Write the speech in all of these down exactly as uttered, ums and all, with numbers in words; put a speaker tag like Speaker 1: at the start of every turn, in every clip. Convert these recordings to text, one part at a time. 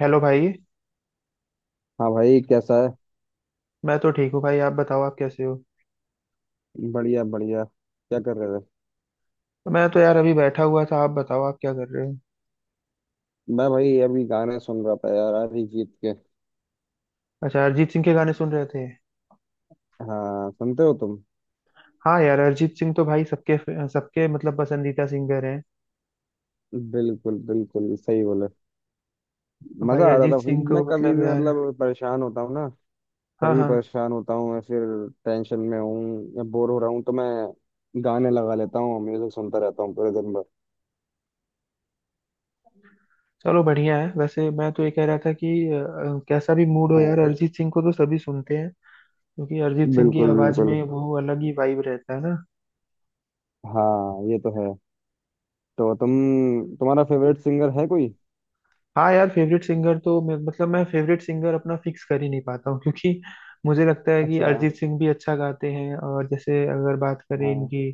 Speaker 1: Hello भाई।
Speaker 2: हाँ भाई कैसा है।
Speaker 1: मैं तो ठीक हूँ भाई, आप बताओ आप कैसे हो।
Speaker 2: बढ़िया बढ़िया क्या कर रहे थे।
Speaker 1: मैं तो यार अभी बैठा हुआ था, आप बताओ आप क्या कर रहे हो।
Speaker 2: मैं भाई अभी गाने सुन रहा था यार अरिजीत के।
Speaker 1: अच्छा, अरिजीत सिंह के गाने सुन रहे थे।
Speaker 2: हाँ सुनते हो तुम।
Speaker 1: हाँ यार, अरिजीत सिंह तो भाई सबके सबके मतलब पसंदीदा सिंगर हैं।
Speaker 2: बिल्कुल बिल्कुल सही बोले।
Speaker 1: भाई
Speaker 2: मजा आ रहा
Speaker 1: अरिजीत
Speaker 2: था भाई
Speaker 1: सिंह को
Speaker 2: मैं कभी
Speaker 1: मतलब
Speaker 2: भी
Speaker 1: यार,
Speaker 2: मतलब परेशान होता हूँ ना।
Speaker 1: हाँ
Speaker 2: कभी
Speaker 1: हाँ।
Speaker 2: परेशान होता हूँ या फिर टेंशन में हूँ या बोर हो रहा हूँ तो मैं गाने लगा लेता हूँ म्यूजिक सुनता रहता हूँ पूरे दिन भर।
Speaker 1: चलो बढ़िया है। वैसे मैं तो ये कह रहा था कि अ, कैसा भी मूड हो यार,
Speaker 2: हाँ।
Speaker 1: अरिजीत सिंह को तो सभी सुनते हैं क्योंकि अरिजीत सिंह की
Speaker 2: बिल्कुल
Speaker 1: आवाज
Speaker 2: बिल्कुल।
Speaker 1: में वो अलग ही वाइब रहता है ना।
Speaker 2: हाँ ये तो है। तो तुम तुम्हारा फेवरेट सिंगर है कोई।
Speaker 1: हाँ यार, फेवरेट सिंगर तो मैं मतलब मैं फेवरेट सिंगर अपना फिक्स कर ही नहीं पाता हूँ क्योंकि मुझे लगता है कि
Speaker 2: अच्छा।
Speaker 1: अरिजीत सिंह भी अच्छा गाते हैं, और जैसे अगर बात करें
Speaker 2: हाँ।
Speaker 1: इनकी,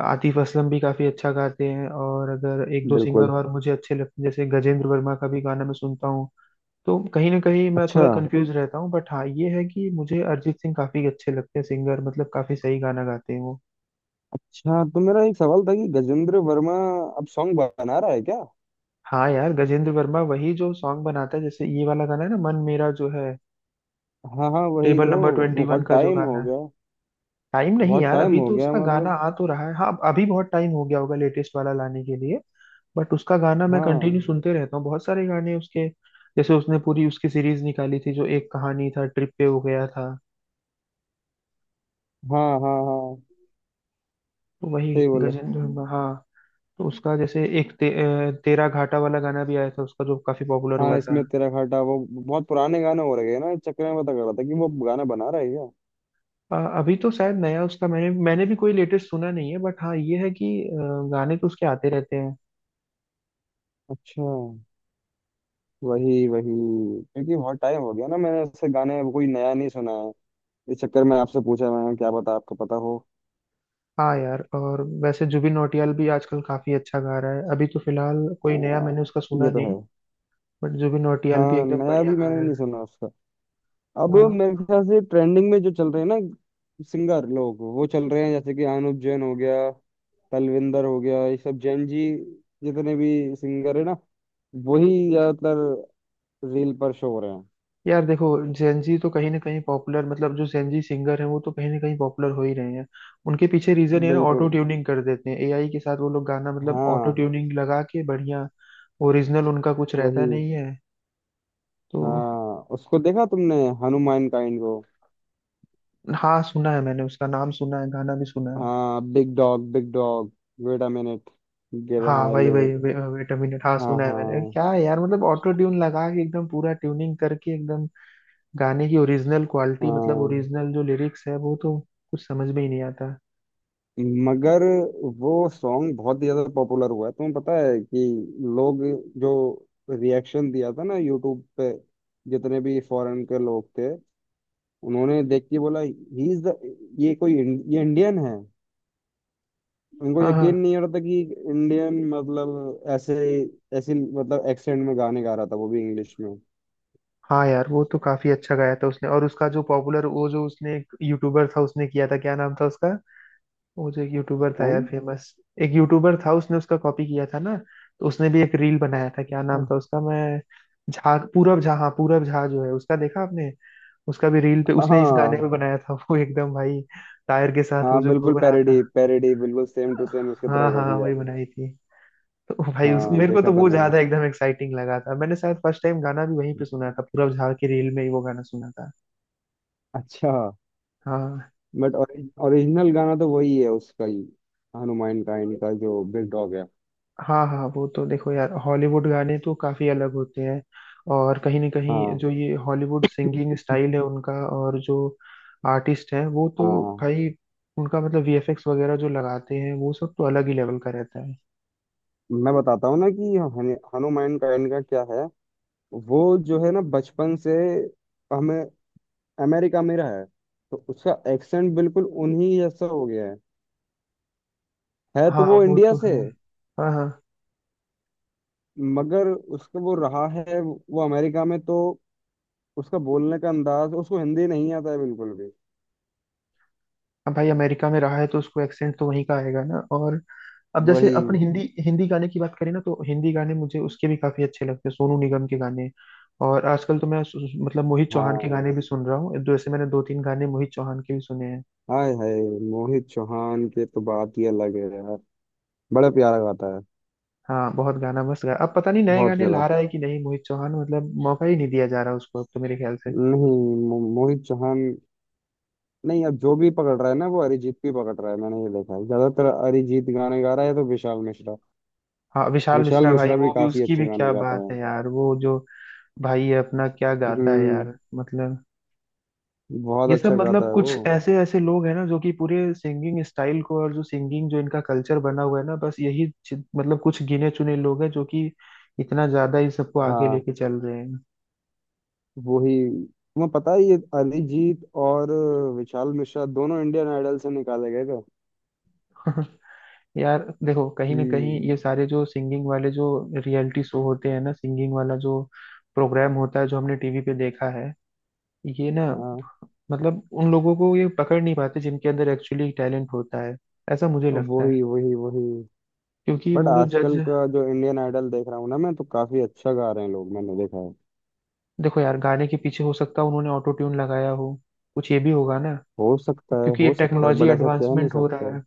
Speaker 1: आतिफ असलम भी काफी अच्छा गाते हैं। और अगर एक दो सिंगर
Speaker 2: बिल्कुल।
Speaker 1: और मुझे अच्छे लगते हैं, जैसे गजेंद्र वर्मा का भी गाना मैं सुनता हूँ। तो कहीं ना कहीं मैं
Speaker 2: अच्छा
Speaker 1: थोड़ा कंफ्यूज रहता हूँ, बट हाँ ये है कि मुझे अरिजीत सिंह काफी अच्छे लगते हैं सिंगर, मतलब काफी सही गाना गाते हैं वो।
Speaker 2: अच्छा तो मेरा एक सवाल था कि गजेंद्र वर्मा अब सॉन्ग बना रहा है क्या।
Speaker 1: हाँ यार, गजेंद्र वर्मा वही जो सॉन्ग बनाता है। जैसे ये वाला गाना है ना, मन मेरा जो है,
Speaker 2: हाँ हाँ वही
Speaker 1: टेबल
Speaker 2: तो।
Speaker 1: नंबर ट्वेंटी वन
Speaker 2: बहुत
Speaker 1: का जो
Speaker 2: टाइम
Speaker 1: गाना
Speaker 2: हो
Speaker 1: है।
Speaker 2: गया।
Speaker 1: टाइम नहीं
Speaker 2: बहुत
Speaker 1: यार,
Speaker 2: टाइम
Speaker 1: अभी
Speaker 2: हो
Speaker 1: तो
Speaker 2: गया
Speaker 1: उसका गाना
Speaker 2: मतलब।
Speaker 1: आ तो रहा है। हाँ अभी बहुत टाइम हो गया होगा लेटेस्ट वाला लाने के लिए। बट उसका गाना मैं
Speaker 2: हाँ
Speaker 1: कंटिन्यू सुनते रहता हूँ, बहुत सारे गाने उसके। जैसे उसने पूरी उसकी सीरीज निकाली थी, जो एक कहानी था ट्रिप पे हो गया था,
Speaker 2: हाँ हाँ हाँ।
Speaker 1: तो वही
Speaker 2: सही बोले।
Speaker 1: गजेंद्र। हम्म। हुआ। हाँ। तो उसका जैसे एक ते, अ, तेरा घाटा वाला गाना भी आया था उसका, जो काफी पॉपुलर हुआ
Speaker 2: हाँ
Speaker 1: था।
Speaker 2: इसमें तेरा घाटा वो बहुत पुराने गाने हो रहे हैं ना इस चक्कर में पता कर रहा था कि वो गाना बना रहा है क्या।
Speaker 1: अ, अभी तो शायद नया उसका मैंने मैंने भी कोई लेटेस्ट सुना नहीं है। बट हाँ ये है कि अ, गाने तो उसके आते रहते हैं।
Speaker 2: अच्छा। वही वही क्योंकि बहुत टाइम हो गया ना मैंने ऐसे गाने कोई नया नहीं सुना है। इस चक्कर में आपसे पूछा मैंने क्या पता आपको पता हो।
Speaker 1: हाँ यार, और वैसे जुबिन नौटियाल भी आजकल काफी अच्छा गा रहा है। अभी तो फिलहाल
Speaker 2: आ,
Speaker 1: कोई नया मैंने उसका सुना
Speaker 2: ये तो है।
Speaker 1: नहीं। बट जुबिन नौटियाल भी
Speaker 2: हाँ
Speaker 1: एकदम
Speaker 2: नया
Speaker 1: बढ़िया
Speaker 2: भी
Speaker 1: गा
Speaker 2: मैंने
Speaker 1: रहा
Speaker 2: नहीं
Speaker 1: है।
Speaker 2: सुना उसका। अब
Speaker 1: हाँ।
Speaker 2: मेरे ख्याल से ट्रेंडिंग में जो चल रहे हैं ना सिंगर लोग वो चल रहे हैं जैसे कि अनुप जैन हो गया। तलविंदर हो गया ये सब जैन जी जितने भी सिंगर है ना वही ज्यादातर रील पर शो हो रहे हैं।
Speaker 1: यार देखो, जेनजी तो कहीं ना कहीं पॉपुलर, मतलब जो जेनजी सिंगर हैं वो तो कहीं ना कहीं पॉपुलर हो ही रहे हैं। उनके पीछे रीजन ये ना, ऑटो
Speaker 2: बिल्कुल।
Speaker 1: ट्यूनिंग कर देते हैं एआई के साथ वो लोग, गाना मतलब ऑटो
Speaker 2: हाँ।
Speaker 1: ट्यूनिंग लगा के बढ़िया, ओरिजिनल उनका कुछ रहता
Speaker 2: वही।
Speaker 1: नहीं है। तो
Speaker 2: हाँ उसको देखा तुमने हनुमान काइंड को।
Speaker 1: हाँ, सुना है मैंने, उसका नाम सुना है, गाना भी सुना है।
Speaker 2: हाँ big dog big dog wait a minute give
Speaker 1: हाँ
Speaker 2: हाँ
Speaker 1: वही
Speaker 2: लिव
Speaker 1: वही
Speaker 2: it.
Speaker 1: Way, wait a minute. हाँ
Speaker 2: हाँ
Speaker 1: सुना है मैंने।
Speaker 2: हाँ
Speaker 1: क्या है यार मतलब, ऑटो ट्यून लगा के एकदम पूरा ट्यूनिंग करके एकदम गाने की ओरिजिनल क्वालिटी, मतलब
Speaker 2: हाँ।
Speaker 1: ओरिजिनल जो लिरिक्स है वो तो कुछ समझ में ही नहीं आता।
Speaker 2: मगर वो सॉन्ग बहुत ही ज्यादा पॉपुलर हुआ है तुम्हें पता है कि लोग जो रिएक्शन दिया था ना यूट्यूब पे जितने भी फॉरेन के लोग थे उन्होंने देख के बोला ही इज द ये कोई इं- ये इंडियन है। उनको
Speaker 1: हाँ हाँ।
Speaker 2: यकीन नहीं हो रहा था कि इंडियन मतलब ऐसे ऐसे मतलब एक्सेंट में गाने गा रहा था वो भी इंग्लिश में।
Speaker 1: हाँ यार, वो तो काफी अच्छा गाया था उसने। और उसका जो पॉपुलर, वो जो उसने, एक यूट्यूबर था उसने किया था, क्या नाम था उसका। वो जो एक यूट्यूबर था
Speaker 2: कौन।
Speaker 1: यार फेमस, एक यूट्यूबर था, उसने उसका कॉपी किया था ना। तो उसने भी एक रील बनाया था, क्या नाम था उसका, मैं, झा, पूरब झा। हाँ पूरब झा जो है, उसका देखा आपने। उसका भी रील पे उसने इस गाने पे
Speaker 2: हाँ
Speaker 1: बनाया था, वो एकदम भाई टायर के साथ वो
Speaker 2: हाँ।
Speaker 1: जो
Speaker 2: बिल्कुल
Speaker 1: घूम रहा था।
Speaker 2: पैरोडी पैरोडी बिल्कुल सेम
Speaker 1: हाँ
Speaker 2: टू सेम उसकी
Speaker 1: हाँ
Speaker 2: तरह कर
Speaker 1: हाँ,
Speaker 2: दिया।
Speaker 1: वही बनाई थी। तो भाई उस,
Speaker 2: हाँ
Speaker 1: मेरे को
Speaker 2: देखा
Speaker 1: तो
Speaker 2: था
Speaker 1: वो
Speaker 2: मैंने।
Speaker 1: ज्यादा एकदम एक्साइटिंग लगा था। मैंने शायद फर्स्ट टाइम गाना भी वहीं पे सुना था, पूरा झाड़ के रील में ही वो गाना सुना था।
Speaker 2: अच्छा।
Speaker 1: हाँ
Speaker 2: बट ओरिजिनल गाना तो वही है उसका ही हनुमान काइंड का जो बिग डॉग है।
Speaker 1: हाँ। हाँ वो तो देखो यार, हॉलीवुड गाने तो काफी अलग होते हैं। और कहीं ना कहीं
Speaker 2: हाँ
Speaker 1: जो ये हॉलीवुड सिंगिंग स्टाइल है उनका, और जो आर्टिस्ट हैं वो
Speaker 2: हाँ।
Speaker 1: तो
Speaker 2: हाँ।
Speaker 1: भाई, उनका मतलब वीएफएक्स वगैरह जो लगाते हैं वो सब तो अलग ही लेवल का रहता है।
Speaker 2: मैं बताता हूँ ना कि हनु- हनुमान काइंड का क्या है। वो जो है ना बचपन से हमें अमेरिका में रहा है तो उसका एक्सेंट बिल्कुल उन्हीं जैसा हो गया है। है तो
Speaker 1: हाँ
Speaker 2: वो
Speaker 1: वो
Speaker 2: इंडिया
Speaker 1: तो
Speaker 2: से।
Speaker 1: है। हाँ हाँ।
Speaker 2: मगर उसका वो रहा है वो अमेरिका में तो उसका बोलने का अंदाज उसको हिंदी नहीं आता है बिल्कुल भी।
Speaker 1: अब भाई अमेरिका में रहा है तो उसको एक्सेंट तो वहीं का आएगा ना। और अब जैसे अपन
Speaker 2: वही।
Speaker 1: हिंदी हिंदी गाने की बात करें ना, तो हिंदी गाने मुझे उसके भी काफी अच्छे लगते हैं, सोनू निगम के गाने। और आजकल तो मैं सु- सु- मतलब मोहित चौहान के
Speaker 2: हाँ।
Speaker 1: गाने भी सुन रहा हूँ। जैसे मैंने दो तीन गाने मोहित चौहान के भी सुने हैं।
Speaker 2: हाय हाय मोहित चौहान के तो बात ही अलग है यार बड़ा प्यारा गाता है।
Speaker 1: हाँ बहुत गाना मस्त गा, अब पता नहीं नए
Speaker 2: बहुत
Speaker 1: गाने
Speaker 2: ज्यादा।
Speaker 1: ला रहा है कि नहीं मोहित चौहान, मतलब मौका ही नहीं दिया जा रहा उसको अब तो मेरे ख्याल से।
Speaker 2: नहीं मो, मोहित चौहान। नहीं अब जो भी पकड़ रहा है ना वो अरिजीत भी पकड़ रहा है मैंने ये देखा है ज्यादातर अरिजीत गाने गा रहा है तो विशाल मिश्रा।
Speaker 1: हाँ विशाल
Speaker 2: विशाल
Speaker 1: मिश्रा, भाई
Speaker 2: मिश्रा भी
Speaker 1: वो भी,
Speaker 2: काफी
Speaker 1: उसकी
Speaker 2: अच्छे
Speaker 1: भी
Speaker 2: गाने
Speaker 1: क्या
Speaker 2: गाता
Speaker 1: बात
Speaker 2: है।
Speaker 1: है यार, वो जो भाई है अपना, क्या गाता है
Speaker 2: हम्म।
Speaker 1: यार मतलब।
Speaker 2: बहुत
Speaker 1: ये सब
Speaker 2: अच्छा गाता
Speaker 1: मतलब
Speaker 2: है वो।
Speaker 1: कुछ ऐसे ऐसे लोग हैं ना जो कि पूरे सिंगिंग स्टाइल को, और जो सिंगिंग जो इनका कल्चर बना हुआ है ना, बस यही चि- मतलब कुछ गिने चुने लोग हैं जो कि इतना ज्यादा इस सबको आगे
Speaker 2: हाँ।
Speaker 1: लेके चल रहे हैं।
Speaker 2: वही। तुम्हें पता है ये अरिजीत और विशाल मिश्रा दोनों इंडियन आइडल से निकाले गए थे।
Speaker 1: यार देखो, कहीं ना कहीं
Speaker 2: हम्म।
Speaker 1: ये सारे जो सिंगिंग वाले जो रियलिटी शो होते हैं ना, सिंगिंग वाला जो प्रोग्राम होता है जो हमने टीवी पे देखा है ये ना,
Speaker 2: हाँ।
Speaker 1: मतलब उन लोगों को ये पकड़ नहीं पाते जिनके अंदर एक्चुअली टैलेंट होता है, ऐसा मुझे लगता है।
Speaker 2: वही वही वही।
Speaker 1: क्योंकि
Speaker 2: बट
Speaker 1: वो जो जज।
Speaker 2: आजकल का जो इंडियन आइडल देख रहा हूँ ना मैं तो काफी अच्छा गा रहे हैं लोग मैंने देखा है।
Speaker 1: देखो यार, गाने के पीछे हो सकता है उन्होंने ऑटो ट्यून लगाया हो, कुछ ये भी होगा ना।
Speaker 2: हो सकता है
Speaker 1: क्योंकि ये
Speaker 2: हो सकता है
Speaker 1: टेक्नोलॉजी
Speaker 2: बट ऐसा कह नहीं
Speaker 1: एडवांसमेंट हो रहा
Speaker 2: सकते।
Speaker 1: है।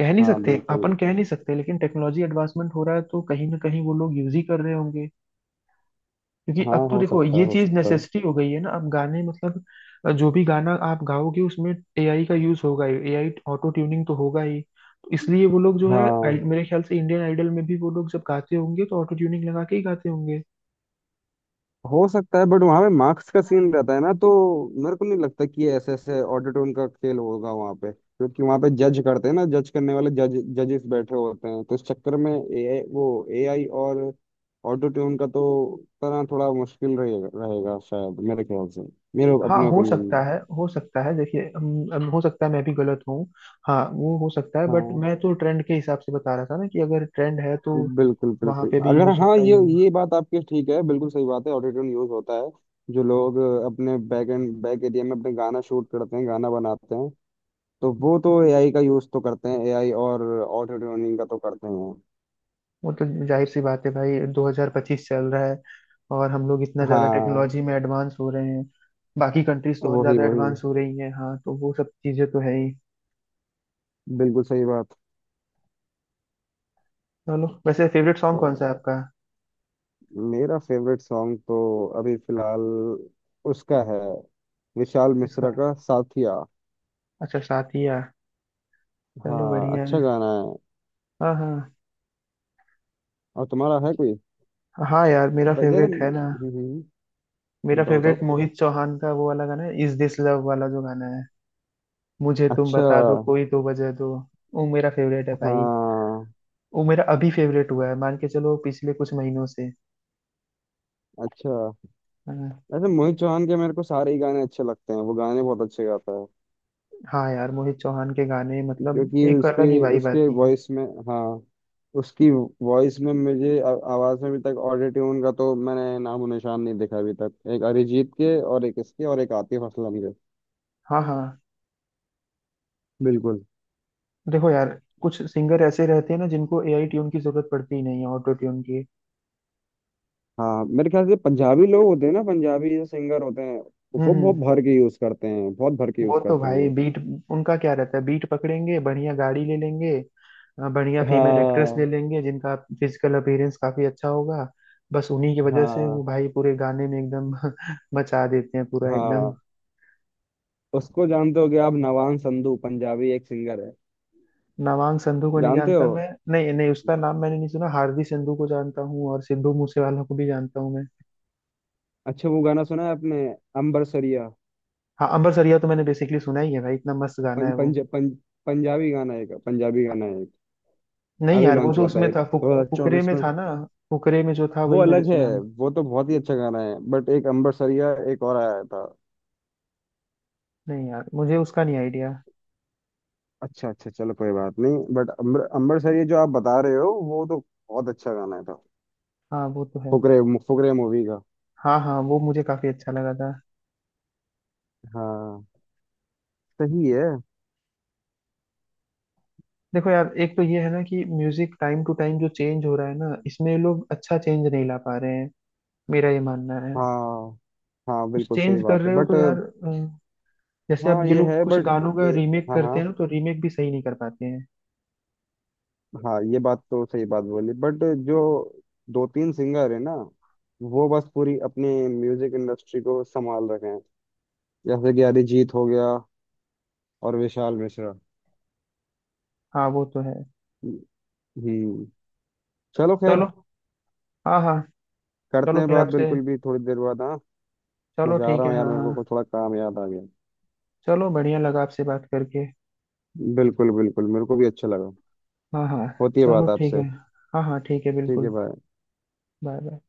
Speaker 1: कह नहीं
Speaker 2: हाँ
Speaker 1: सकते अपन,
Speaker 2: बिल्कुल।
Speaker 1: कह नहीं सकते, लेकिन टेक्नोलॉजी एडवांसमेंट हो रहा है तो कहीं ना कहीं वो लोग यूज ही कर रहे होंगे। क्योंकि
Speaker 2: हाँ
Speaker 1: अब तो
Speaker 2: हो
Speaker 1: देखो,
Speaker 2: सकता है
Speaker 1: ये
Speaker 2: हो
Speaker 1: चीज
Speaker 2: सकता है।
Speaker 1: नेसेसिटी हो गई है ना। अब गाने मतलब अ, जो भी गाना आप गाओगे उसमें एआई का यूज होगा ही, एआई ऑटो ट्यूनिंग तो होगा ही। तो इसलिए वो लोग जो है आई-
Speaker 2: हाँ
Speaker 1: मेरे ख्याल से इंडियन आइडल में भी वो लोग जब गाते होंगे तो ऑटो ट्यूनिंग लगा के ही गाते होंगे।
Speaker 2: हो सकता है बट वहाँ पे मार्क्स का सीन रहता है ना तो मेरे को नहीं लगता कि ये ऐसे ऐसे ऑटोट्यून का खेल होगा वहाँ पे क्योंकि वहाँ पे जज करते हैं ना जज करने वाले जज जजेस बैठे होते हैं तो इस चक्कर में ए वो एआई और ऑटोट्यून का तो तरह थोड़ा मुश्किल रहेगा रहेगा शायद मेरे ख्याल से मेरे
Speaker 1: हाँ
Speaker 2: अपने
Speaker 1: हो
Speaker 2: ओपिनियन में।
Speaker 1: सकता है हो सकता है, देखिए अम, अम, हो सकता है मैं भी गलत हूँ। हाँ वो हो सकता है, बट
Speaker 2: हाँ
Speaker 1: मैं तो ट्रेंड के हिसाब से बता रहा था ना कि अगर ट्रेंड है तो
Speaker 2: बिल्कुल
Speaker 1: वहाँ
Speaker 2: बिल्कुल
Speaker 1: पे भी
Speaker 2: अगर
Speaker 1: यूज
Speaker 2: हाँ
Speaker 1: होता ही
Speaker 2: ये।
Speaker 1: होगा।
Speaker 2: ये बात आपकी ठीक है बिल्कुल सही बात है ऑटोट्यून यूज होता है जो लोग अ, अपने बैक एंड बैक एरिया में अपने गाना शूट करते हैं गाना बनाते हैं तो वो तो एआई का यूज तो करते हैं एआई और ऑटोट्यूनिंग का तो करते हैं।
Speaker 1: वो तो जाहिर सी बात है भाई, दो हज़ार पच्चीस चल रहा है और हम लोग इतना ज़्यादा
Speaker 2: हाँ।
Speaker 1: टेक्नोलॉजी में एडवांस हो रहे हैं। बाकी कंट्रीज तो और
Speaker 2: वही
Speaker 1: ज़्यादा
Speaker 2: वही
Speaker 1: एडवांस हो रही हैं। हाँ तो वो सब चीज़ें तो है ही।
Speaker 2: बिल्कुल सही बात।
Speaker 1: चलो, वैसे फेवरेट
Speaker 2: अ,
Speaker 1: सॉन्ग कौन सा है आपका।
Speaker 2: मेरा फेवरेट सॉन्ग तो अभी फिलहाल उसका है विशाल
Speaker 1: इसका?
Speaker 2: मिश्रा का साथिया।
Speaker 1: अच्छा, साथिया। चलो
Speaker 2: हाँ
Speaker 1: बढ़िया
Speaker 2: अच्छा
Speaker 1: है।
Speaker 2: गाना है।
Speaker 1: हाँ हाँ।
Speaker 2: और तुम्हारा है कोई।
Speaker 1: हाँ यार, मेरा
Speaker 2: ब- जैसे
Speaker 1: फेवरेट है ना,
Speaker 2: हम्म हम्म,
Speaker 1: मेरा
Speaker 2: बताओ बताओ।
Speaker 1: फेवरेट मोहित चौहान का वो वाला गाना है, इज दिस लव वाला जो गाना है। मुझे तुम
Speaker 2: अच्छा।
Speaker 1: बता दो कोई तो वजह दो, वो मेरा फेवरेट है भाई।
Speaker 2: हाँ।
Speaker 1: वो मेरा अभी फेवरेट हुआ है, मान के चलो पिछले कुछ महीनों से।
Speaker 2: अच्छा।
Speaker 1: हाँ।
Speaker 2: ऐसे मोहित चौहान के मेरे को सारे ही गाने अच्छे लगते हैं वो गाने बहुत अच्छे गाता है।
Speaker 1: हाँ यार, मोहित चौहान के गाने मतलब
Speaker 2: क्योंकि
Speaker 1: एक
Speaker 2: उसके
Speaker 1: अलग ही वाइब
Speaker 2: उसके
Speaker 1: आती है।
Speaker 2: वॉइस में। हाँ। उसकी वॉइस में मुझे आ- आवाज में अभी तक ऑटो ट्यून का तो मैंने नामो निशान नहीं देखा अभी तक एक अरिजीत के और एक इसके और एक आतिफ असलम के।
Speaker 1: हाँ हाँ।
Speaker 2: बिल्कुल।
Speaker 1: देखो यार, कुछ सिंगर ऐसे रहते हैं ना जिनको एआई ट्यून की जरूरत पड़ती ही नहीं है, ऑटो ट्यून की।
Speaker 2: हाँ मेरे ख्याल से पंजाबी लोग होते हैं ना पंजाबी जो सिंगर होते हैं
Speaker 1: हम्म
Speaker 2: वो बहुत
Speaker 1: हम्म।
Speaker 2: भर के यूज करते हैं बहुत भर के
Speaker 1: वो
Speaker 2: यूज
Speaker 1: तो
Speaker 2: करते हैं
Speaker 1: भाई
Speaker 2: वो।
Speaker 1: बीट, उनका क्या रहता है, बीट पकड़ेंगे, बढ़िया गाड़ी ले लेंगे, अ, बढ़िया फीमेल एक्ट्रेस ले
Speaker 2: हाँ
Speaker 1: लेंगे जिनका फिजिकल अपीयरेंस काफी अच्छा होगा। बस उन्हीं की वजह से वो
Speaker 2: हाँ
Speaker 1: भाई पूरे गाने में एकदम मचा देते हैं, पूरा एकदम।
Speaker 2: हाँ उसको जानते होगे आप नवान संधू पंजाबी एक सिंगर है।
Speaker 1: नवांग संधू को नहीं
Speaker 2: जानते
Speaker 1: जानता
Speaker 2: हो।
Speaker 1: मैं, नहीं नहीं उसका नाम मैंने नहीं सुना। हार्दी संधू को जानता हूँ और सिद्धू मूसेवाला को भी जानता हूँ मैं।
Speaker 2: अच्छा वो गाना सुना है आपने अंबरसरिया।
Speaker 1: हाँ अंबर सरिया तो मैंने बेसिकली सुना ही है भाई, इतना मस्त गाना
Speaker 2: पं,
Speaker 1: है वो।
Speaker 2: पंज, पंज, पंजाबी गाना है एक पंजाबी गाना है एक
Speaker 1: नहीं
Speaker 2: अभी
Speaker 1: यार, वो
Speaker 2: लॉन्च
Speaker 1: जो
Speaker 2: हुआ था
Speaker 1: उसमें
Speaker 2: एक
Speaker 1: था फुक,
Speaker 2: दो हजार
Speaker 1: फुकरे
Speaker 2: चौबीस
Speaker 1: में
Speaker 2: में।
Speaker 1: था ना। फुकरे में जो था
Speaker 2: वो
Speaker 1: वही मैंने
Speaker 2: अलग है।
Speaker 1: सुना।
Speaker 2: वो तो बहुत ही अच्छा गाना है बट एक अंबरसरिया एक और आया था।
Speaker 1: नहीं यार मुझे उसका नहीं आइडिया।
Speaker 2: अच्छा अच्छा चलो कोई बात नहीं बट अंबर अंबरसरिया जो आप बता रहे हो वो तो बहुत अच्छा गाना था।
Speaker 1: हाँ वो तो है।
Speaker 2: फुकरे फुकरे मूवी का।
Speaker 1: हाँ हाँ, वो मुझे काफी अच्छा लगा था।
Speaker 2: हाँ। सही है।
Speaker 1: देखो यार, एक तो ये है ना कि म्यूजिक टाइम टू टाइम जो चेंज हो रहा है ना, इसमें ये लोग अच्छा चेंज नहीं ला पा रहे हैं, मेरा ये मानना है।
Speaker 2: हाँ हाँ
Speaker 1: कुछ
Speaker 2: बिल्कुल सही
Speaker 1: चेंज कर
Speaker 2: बात है
Speaker 1: रहे हो
Speaker 2: बट।
Speaker 1: तो यार अ, जैसे अब
Speaker 2: हाँ
Speaker 1: ये
Speaker 2: ये
Speaker 1: लोग
Speaker 2: है
Speaker 1: कुछ
Speaker 2: बट।
Speaker 1: गानों का रीमेक
Speaker 2: हाँ
Speaker 1: करते
Speaker 2: हाँ।
Speaker 1: हैं ना, तो रीमेक भी सही नहीं कर पाते हैं।
Speaker 2: हाँ ये बात तो सही बात बोली बट जो दो तीन सिंगर है ना वो बस पूरी अपनी म्यूजिक इंडस्ट्री को संभाल रखे हैं जैसे कि अरिजीत हो गया और विशाल मिश्रा।
Speaker 1: हाँ वो तो है।
Speaker 2: हम्म। चलो खैर
Speaker 1: चलो, हाँ हाँ।
Speaker 2: करते
Speaker 1: चलो
Speaker 2: हैं
Speaker 1: फिर
Speaker 2: बात
Speaker 1: आपसे,
Speaker 2: बिल्कुल भी थोड़ी देर बाद हाँ। मैं
Speaker 1: चलो
Speaker 2: जा
Speaker 1: ठीक
Speaker 2: रहा
Speaker 1: है,
Speaker 2: हूँ यार
Speaker 1: हाँ
Speaker 2: मेरे
Speaker 1: हाँ।
Speaker 2: को कुछ थोड़ा काम याद आ गया।
Speaker 1: चलो बढ़िया लगा आपसे बात करके।
Speaker 2: बिल्कुल बिल्कुल मेरे को भी अच्छा लगा।
Speaker 1: हाँ हाँ।
Speaker 2: होती है
Speaker 1: चलो
Speaker 2: बात
Speaker 1: ठीक है,
Speaker 2: आपसे।
Speaker 1: हाँ हाँ ठीक है
Speaker 2: ठीक है
Speaker 1: बिल्कुल।
Speaker 2: भाई।
Speaker 1: Bye bye.